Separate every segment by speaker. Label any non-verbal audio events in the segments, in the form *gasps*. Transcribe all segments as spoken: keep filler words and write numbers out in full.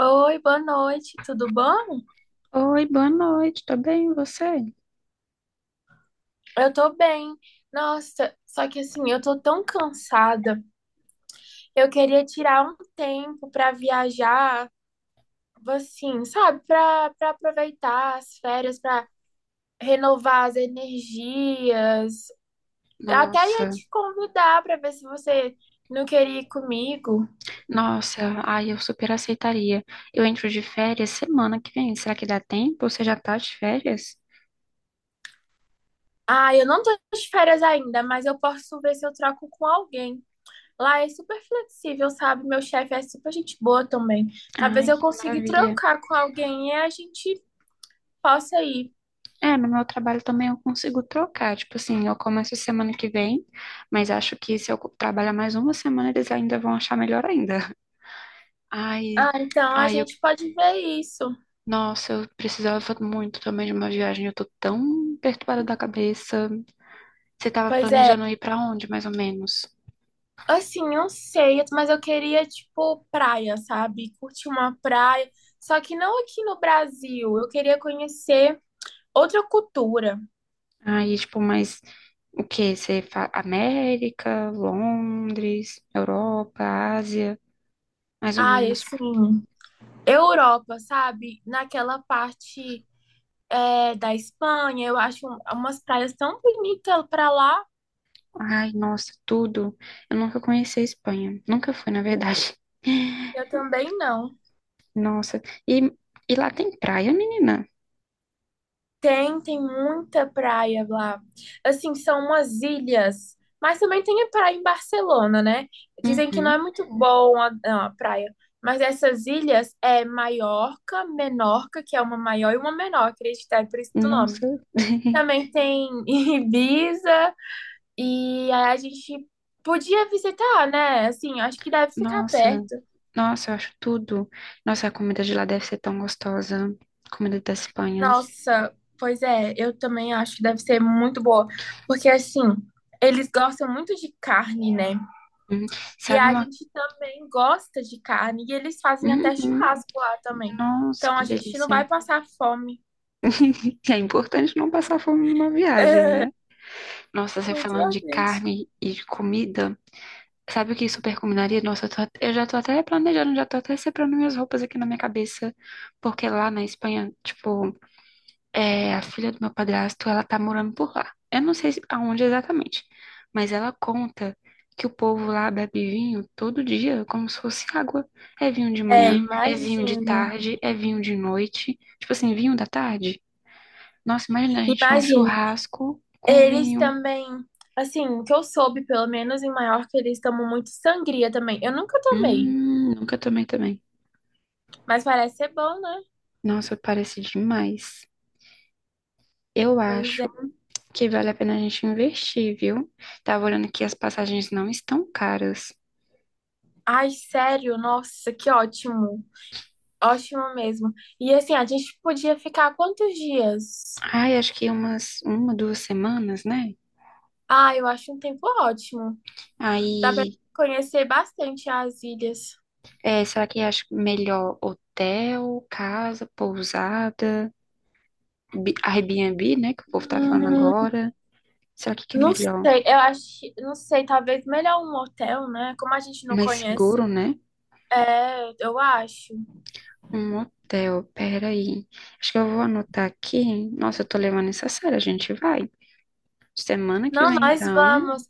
Speaker 1: Oi, boa noite, tudo bom?
Speaker 2: Oi, boa noite, tô bem, e você?
Speaker 1: Eu tô bem. Nossa, só que assim, eu tô tão cansada. Eu queria tirar um tempo pra viajar, assim, sabe? Pra para aproveitar as férias, pra renovar as energias. Até ia
Speaker 2: Nossa,
Speaker 1: te convidar pra ver se você não queria ir comigo.
Speaker 2: nossa, ai, eu super aceitaria. Eu entro de férias semana que vem, será que dá tempo? Você já tá de férias?
Speaker 1: Ah, eu não tô de férias ainda, mas eu posso ver se eu troco com alguém. Lá é super flexível, sabe? Meu chefe é super gente boa também. Talvez
Speaker 2: Ai,
Speaker 1: eu
Speaker 2: que
Speaker 1: consiga
Speaker 2: maravilha.
Speaker 1: trocar com alguém e a gente possa ir.
Speaker 2: É, no meu trabalho também eu consigo trocar. Tipo assim, eu começo semana que vem, mas acho que se eu co- trabalhar mais uma semana, eles ainda vão achar melhor ainda. Ai,
Speaker 1: Ah, então a
Speaker 2: ai, eu,
Speaker 1: gente pode ver isso.
Speaker 2: nossa, eu precisava muito também de uma viagem. Eu tô tão perturbada da cabeça. Você tava
Speaker 1: Pois é.
Speaker 2: planejando ir pra onde, mais ou menos?
Speaker 1: Assim, não sei, mas eu queria, tipo, praia, sabe? Curtir uma praia. Só que não aqui no Brasil. Eu queria conhecer outra cultura.
Speaker 2: Aí, tipo, mas o quê? Você fa- América, Londres, Europa, Ásia, mais ou
Speaker 1: Ah,
Speaker 2: menos.
Speaker 1: assim, Europa, sabe? Naquela parte, é, da Espanha, eu acho umas praias tão bonitas pra lá.
Speaker 2: Ai, nossa, tudo. Eu nunca conheci a Espanha. Nunca fui, na verdade.
Speaker 1: Eu também não.
Speaker 2: Nossa. E, e lá tem praia, menina?
Speaker 1: Tem, tem muita praia lá. Assim, são umas ilhas, mas também tem a praia em Barcelona, né? Dizem que não é
Speaker 2: Uhum.
Speaker 1: muito bom a, não, a praia, mas essas ilhas é Maiorca, Menorca, que é uma maior e uma menor, acredito, é por isso do nome.
Speaker 2: Nossa. *laughs*
Speaker 1: Também tem *laughs* Ibiza, e aí a gente podia visitar, né? Assim, acho que deve ficar
Speaker 2: Nossa.
Speaker 1: perto.
Speaker 2: Nossa, eu acho tudo. Nossa, a comida de lá deve ser tão gostosa. Comida da Espanha.
Speaker 1: Nossa, pois é, eu também acho que deve ser muito boa, porque assim, eles gostam muito de carne, né?
Speaker 2: Uhum.
Speaker 1: E
Speaker 2: Sabe
Speaker 1: a
Speaker 2: uma.
Speaker 1: gente também gosta de carne, e eles fazem até
Speaker 2: Uhum.
Speaker 1: churrasco lá também.
Speaker 2: Nossa,
Speaker 1: Então
Speaker 2: que
Speaker 1: a gente não
Speaker 2: delícia.
Speaker 1: vai passar fome.
Speaker 2: É importante não passar fome numa viagem,
Speaker 1: *laughs*
Speaker 2: né? Nossa, você
Speaker 1: Muito
Speaker 2: falando de
Speaker 1: bacante.
Speaker 2: carne e de comida, sabe o que super combinaria? Nossa, eu, tô at- Eu já tô até planejando, já tô até separando minhas roupas aqui na minha cabeça, porque lá na Espanha, tipo, é, a filha do meu padrasto, ela tá morando por lá. Eu não sei se- aonde exatamente, mas ela conta que o povo lá bebe vinho todo dia, como se fosse água. É vinho de
Speaker 1: É,
Speaker 2: manhã, é vinho de
Speaker 1: imagino.
Speaker 2: tarde, é vinho de noite. Tipo assim, vinho da tarde. Nossa, imagina a gente num
Speaker 1: Imagino.
Speaker 2: churrasco com
Speaker 1: Eles
Speaker 2: vinho.
Speaker 1: também, assim, o que eu soube, pelo menos em Maiorca, eles tomam muito sangria também. Eu nunca tomei,
Speaker 2: Hum, nunca tomei também.
Speaker 1: mas parece ser bom, né?
Speaker 2: Nossa, parece demais. Eu
Speaker 1: Pois é.
Speaker 2: acho que vale a pena a gente investir, viu? Tava olhando que as passagens não estão caras.
Speaker 1: Ai, sério, nossa, que ótimo. Ótimo mesmo. E assim, a gente podia ficar quantos dias?
Speaker 2: Ai, acho que umas uma, duas semanas, né?
Speaker 1: Ah, eu acho um tempo ótimo. Dá pra
Speaker 2: Aí,
Speaker 1: conhecer bastante as ilhas.
Speaker 2: é, será que acho melhor hotel, casa, pousada, Bi- Airbnb, né? Que o povo tá falando
Speaker 1: Hum,
Speaker 2: agora. Será que que é
Speaker 1: não
Speaker 2: melhor?
Speaker 1: sei, eu acho, não sei, talvez melhor um hotel, né? Como a gente não
Speaker 2: Mais
Speaker 1: conhece,
Speaker 2: seguro, né?
Speaker 1: é, eu acho.
Speaker 2: Um hotel, peraí. Acho que eu vou anotar aqui. Nossa, eu tô levando isso a sério, a gente vai. Semana que
Speaker 1: Não,
Speaker 2: vem,
Speaker 1: nós
Speaker 2: então.
Speaker 1: vamos.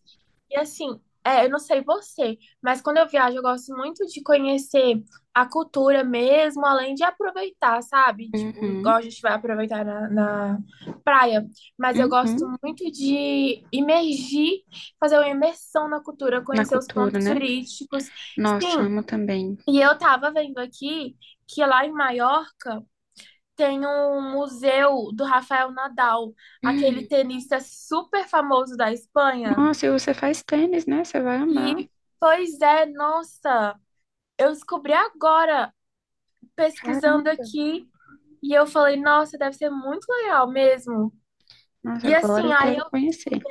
Speaker 1: E assim, é, eu não sei você, mas quando eu viajo, eu gosto muito de conhecer a cultura mesmo, além de aproveitar, sabe? Tipo, igual
Speaker 2: Uhum,
Speaker 1: a gente vai aproveitar na, na praia. Mas eu gosto
Speaker 2: uhum.
Speaker 1: muito de imergir, fazer uma imersão na cultura,
Speaker 2: Na
Speaker 1: conhecer os
Speaker 2: cultura,
Speaker 1: pontos
Speaker 2: né?
Speaker 1: turísticos.
Speaker 2: Nossa,
Speaker 1: Sim,
Speaker 2: amo também. *gasps*
Speaker 1: e eu tava vendo aqui que lá em Maiorca tem um museu do Rafael Nadal, aquele
Speaker 2: Hum.
Speaker 1: tenista super famoso da Espanha.
Speaker 2: Nossa, e você faz tênis, né? Você vai amar.
Speaker 1: E, pois é, nossa, eu descobri agora, pesquisando
Speaker 2: Caramba.
Speaker 1: aqui, e eu falei, nossa, deve ser muito legal mesmo.
Speaker 2: Nossa,
Speaker 1: E
Speaker 2: agora
Speaker 1: assim,
Speaker 2: eu
Speaker 1: aí
Speaker 2: quero
Speaker 1: eu
Speaker 2: conhecer.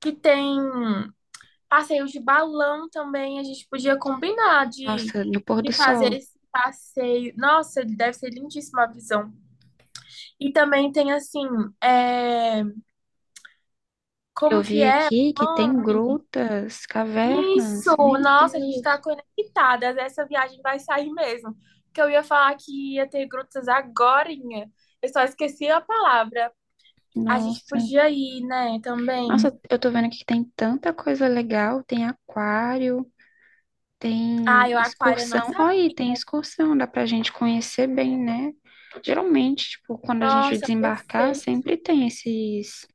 Speaker 1: que tem passeios de balão também, a gente podia combinar de,
Speaker 2: Nossa, no pôr do
Speaker 1: de fazer
Speaker 2: sol.
Speaker 1: esse passeio. Nossa, deve ser lindíssima a visão. E também tem assim, é,
Speaker 2: Eu
Speaker 1: como que
Speaker 2: vi
Speaker 1: é?
Speaker 2: aqui
Speaker 1: O
Speaker 2: que tem
Speaker 1: nome?
Speaker 2: grutas,
Speaker 1: Isso,
Speaker 2: cavernas. Meu
Speaker 1: nossa, a gente está
Speaker 2: Deus.
Speaker 1: conectadas. Essa viagem vai sair mesmo. Porque eu ia falar que ia ter grutas agorinha. Eu só esqueci a palavra. A gente
Speaker 2: Nossa.
Speaker 1: podia ir, né? Também.
Speaker 2: Nossa, eu tô vendo aqui que tem tanta coisa legal. Tem aquário,
Speaker 1: Ah,
Speaker 2: tem
Speaker 1: eu aquário eu não
Speaker 2: excursão.
Speaker 1: sabia.
Speaker 2: Olha aí, tem excursão. Dá pra gente conhecer bem, né? Geralmente, tipo, quando a gente
Speaker 1: Nossa,
Speaker 2: desembarcar,
Speaker 1: perfeito.
Speaker 2: sempre tem esses,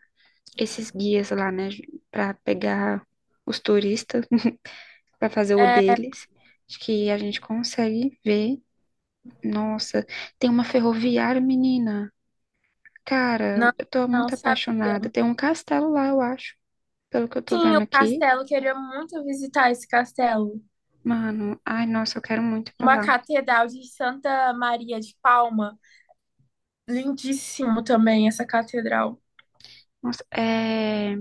Speaker 2: esses guias lá, né? Pra pegar os turistas, *laughs* pra fazer o
Speaker 1: É,
Speaker 2: deles. Acho que a gente consegue ver. Nossa, tem uma ferroviária, menina.
Speaker 1: não,
Speaker 2: Cara, eu tô
Speaker 1: não
Speaker 2: muito
Speaker 1: sabia.
Speaker 2: apaixonada. Tem um castelo lá, eu acho, pelo que eu tô
Speaker 1: Sim,
Speaker 2: vendo
Speaker 1: o
Speaker 2: aqui.
Speaker 1: castelo, queria muito visitar esse castelo.
Speaker 2: Mano, ai, nossa, eu quero muito ir pra
Speaker 1: Uma
Speaker 2: lá.
Speaker 1: catedral de Santa Maria de Palma. Lindíssimo também essa catedral.
Speaker 2: Nossa, é...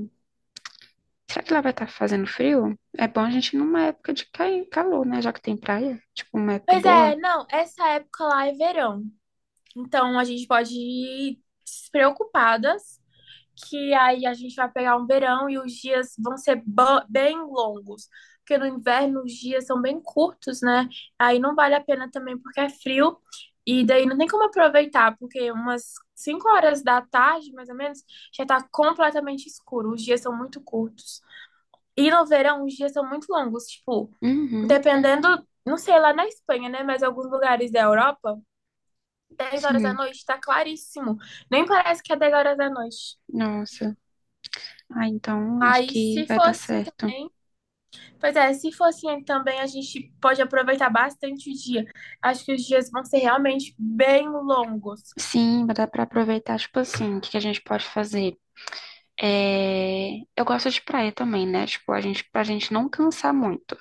Speaker 2: Será que lá vai estar fazendo frio? É bom a gente ir numa época de cair calor, né? Já que tem praia, tipo, uma época
Speaker 1: Pois
Speaker 2: boa.
Speaker 1: é, não, essa época lá é verão. Então a gente pode ir despreocupadas, que aí a gente vai pegar um verão e os dias vão ser bem longos. Porque no inverno os dias são bem curtos, né? Aí não vale a pena também porque é frio. E daí não tem como aproveitar, porque umas cinco horas da tarde, mais ou menos, já tá completamente escuro. Os dias são muito curtos. E no verão os dias são muito longos. Tipo,
Speaker 2: Uhum,
Speaker 1: dependendo, não sei, lá na Espanha, né? Mas alguns lugares da Europa dez horas da
Speaker 2: sim.
Speaker 1: noite, tá claríssimo. Nem parece que é dez horas da noite.
Speaker 2: Nossa. Ah, então acho
Speaker 1: Aí,
Speaker 2: que
Speaker 1: se
Speaker 2: vai
Speaker 1: for
Speaker 2: dar
Speaker 1: assim
Speaker 2: certo.
Speaker 1: também, pois é, se for assim também, a gente pode aproveitar bastante o dia. Acho que os dias vão ser realmente bem longos.
Speaker 2: Sim, vai dar pra aproveitar, tipo assim, o que que a gente pode fazer? É, eu gosto de praia também, né? Tipo, a gente, pra gente não cansar muito.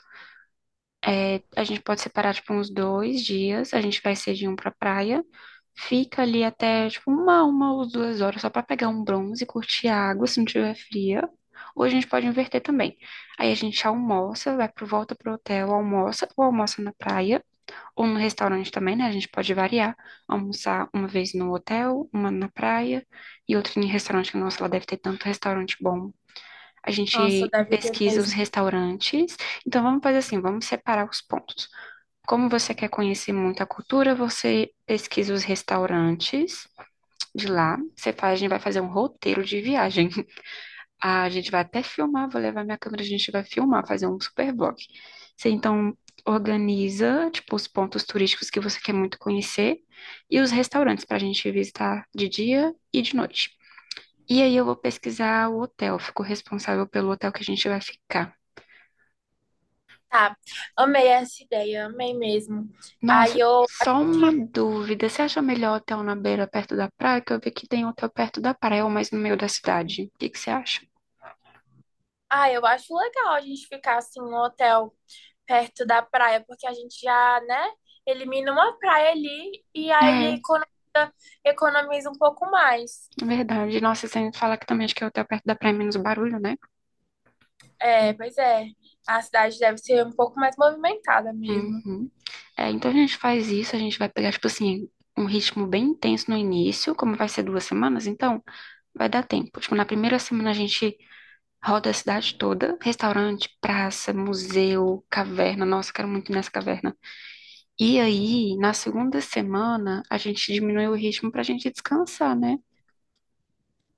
Speaker 2: A gente pode separar, tipo, uns dois dias. A gente vai cedinho pra praia. Fica ali até, tipo, uma, uma ou duas horas só pra pegar um bronze, curtir a água se não tiver fria. Ou a gente pode inverter também. Aí a gente almoça, vai pro volta pro hotel, almoça, ou almoça na praia, ou no restaurante também, né? A gente pode variar. Almoçar uma vez no hotel, uma na praia e outra em restaurante. Nossa, lá deve ter tanto restaurante bom, a
Speaker 1: Nossa,
Speaker 2: gente
Speaker 1: deve ter
Speaker 2: pesquisa os
Speaker 1: mesmo.
Speaker 2: restaurantes. Então vamos fazer assim, vamos separar os pontos. Como você quer conhecer muito a cultura, você pesquisa os restaurantes de lá. Você faz, a gente vai fazer um roteiro de viagem. *laughs* A gente vai até filmar, vou levar minha câmera, a gente vai filmar, fazer um super vlog. Você então organiza, tipo, os pontos turísticos que você quer muito conhecer e os restaurantes para a gente visitar de dia e de noite. E aí eu vou pesquisar o hotel, fico responsável pelo hotel que a gente vai ficar.
Speaker 1: Tá, amei essa ideia, amei mesmo. Aí
Speaker 2: Nossa,
Speaker 1: eu,
Speaker 2: só uma
Speaker 1: tipo,
Speaker 2: dúvida. Você acha melhor hotel na beira, perto da praia? Que eu vi que tem hotel perto da praia, ou mais no meio da cidade. O que que você acha?
Speaker 1: ah, eu acho legal a gente ficar assim no hotel perto da praia, porque a gente já, né, elimina uma praia ali e aí
Speaker 2: É,
Speaker 1: economiza, economiza um pouco mais.
Speaker 2: é verdade. Nossa, sem falar que também acho que é hotel perto da praia é menos barulho, né?
Speaker 1: É, pois é. A cidade deve ser um pouco mais movimentada mesmo.
Speaker 2: Uhum. É, então a gente faz isso, a gente vai pegar, tipo assim, um ritmo bem intenso no início, como vai ser duas semanas, então vai dar tempo. Tipo, na primeira semana a gente roda a cidade toda, restaurante, praça, museu, caverna. Nossa, quero muito ir nessa caverna. E aí, na segunda semana, a gente diminui o ritmo pra gente descansar, né?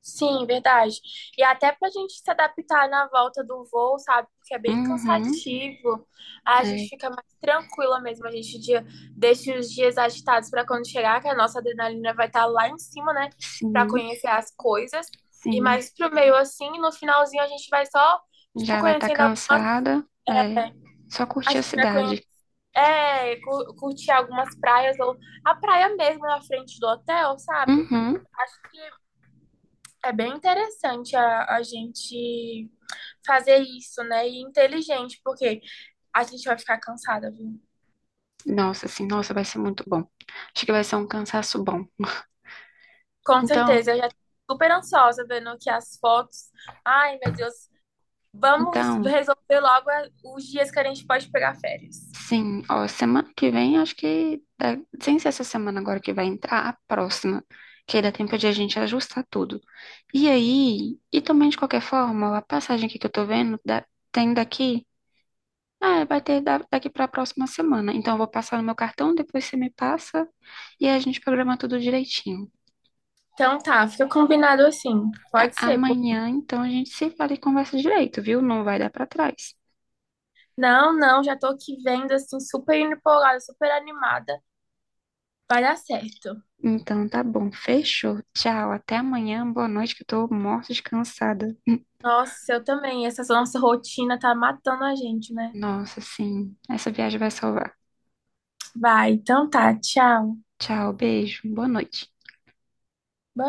Speaker 1: Sim, verdade. E até para a gente se adaptar na volta do voo, sabe? Porque é bem
Speaker 2: Uhum,
Speaker 1: cansativo. A gente
Speaker 2: é,
Speaker 1: fica mais tranquila mesmo. A gente dia- deixa os dias agitados para quando chegar, que a nossa adrenalina vai estar lá em cima, né? Para
Speaker 2: sim,
Speaker 1: conhecer as coisas. E
Speaker 2: sim.
Speaker 1: mais pro meio assim, no finalzinho a gente vai só, tipo,
Speaker 2: Já vai estar
Speaker 1: conhecendo. al-
Speaker 2: cansada, é, só
Speaker 1: A
Speaker 2: curtir a
Speaker 1: gente vai conhecer,
Speaker 2: cidade.
Speaker 1: é, cu- curtir algumas praias ou a praia mesmo na frente do hotel, sabe?
Speaker 2: Uhum.
Speaker 1: Acho que é bem interessante a, a gente fazer isso, né? E inteligente, porque a gente vai ficar cansada, viu?
Speaker 2: Nossa, assim, nossa, vai ser muito bom. Acho que vai ser um cansaço bom.
Speaker 1: Com
Speaker 2: Então,
Speaker 1: certeza, eu já tô super ansiosa vendo aqui as fotos. Ai, meu Deus, vamos *laughs*
Speaker 2: então,
Speaker 1: resolver logo a- os dias que a gente pode pegar férias.
Speaker 2: sim, ó, semana que vem, acho que, dá- sem ser essa semana agora que vai entrar, a próxima, que aí dá tempo de a gente ajustar tudo. E aí, e também de qualquer forma, a passagem aqui que eu tô vendo, dá- tem daqui, ah, vai ter da- daqui pra próxima semana. Então eu vou passar no meu cartão, depois você me passa e aí a gente programa tudo direitinho.
Speaker 1: Então tá, fica combinado assim.
Speaker 2: Tá,
Speaker 1: Pode ser. Pô.
Speaker 2: amanhã, então a gente se fala e conversa direito, viu? Não vai dar pra trás.
Speaker 1: Não, não, já tô aqui vendo assim, super empolgada, super animada. Vai dar certo.
Speaker 2: Então tá bom, fechou. Tchau, até amanhã. Boa noite, que eu tô morta de cansada.
Speaker 1: Nossa, eu também. Essa nossa rotina tá matando a gente, né?
Speaker 2: Nossa, sim. Essa viagem vai salvar.
Speaker 1: Vai, então tá, tchau.
Speaker 2: Tchau, beijo, boa noite.
Speaker 1: Boa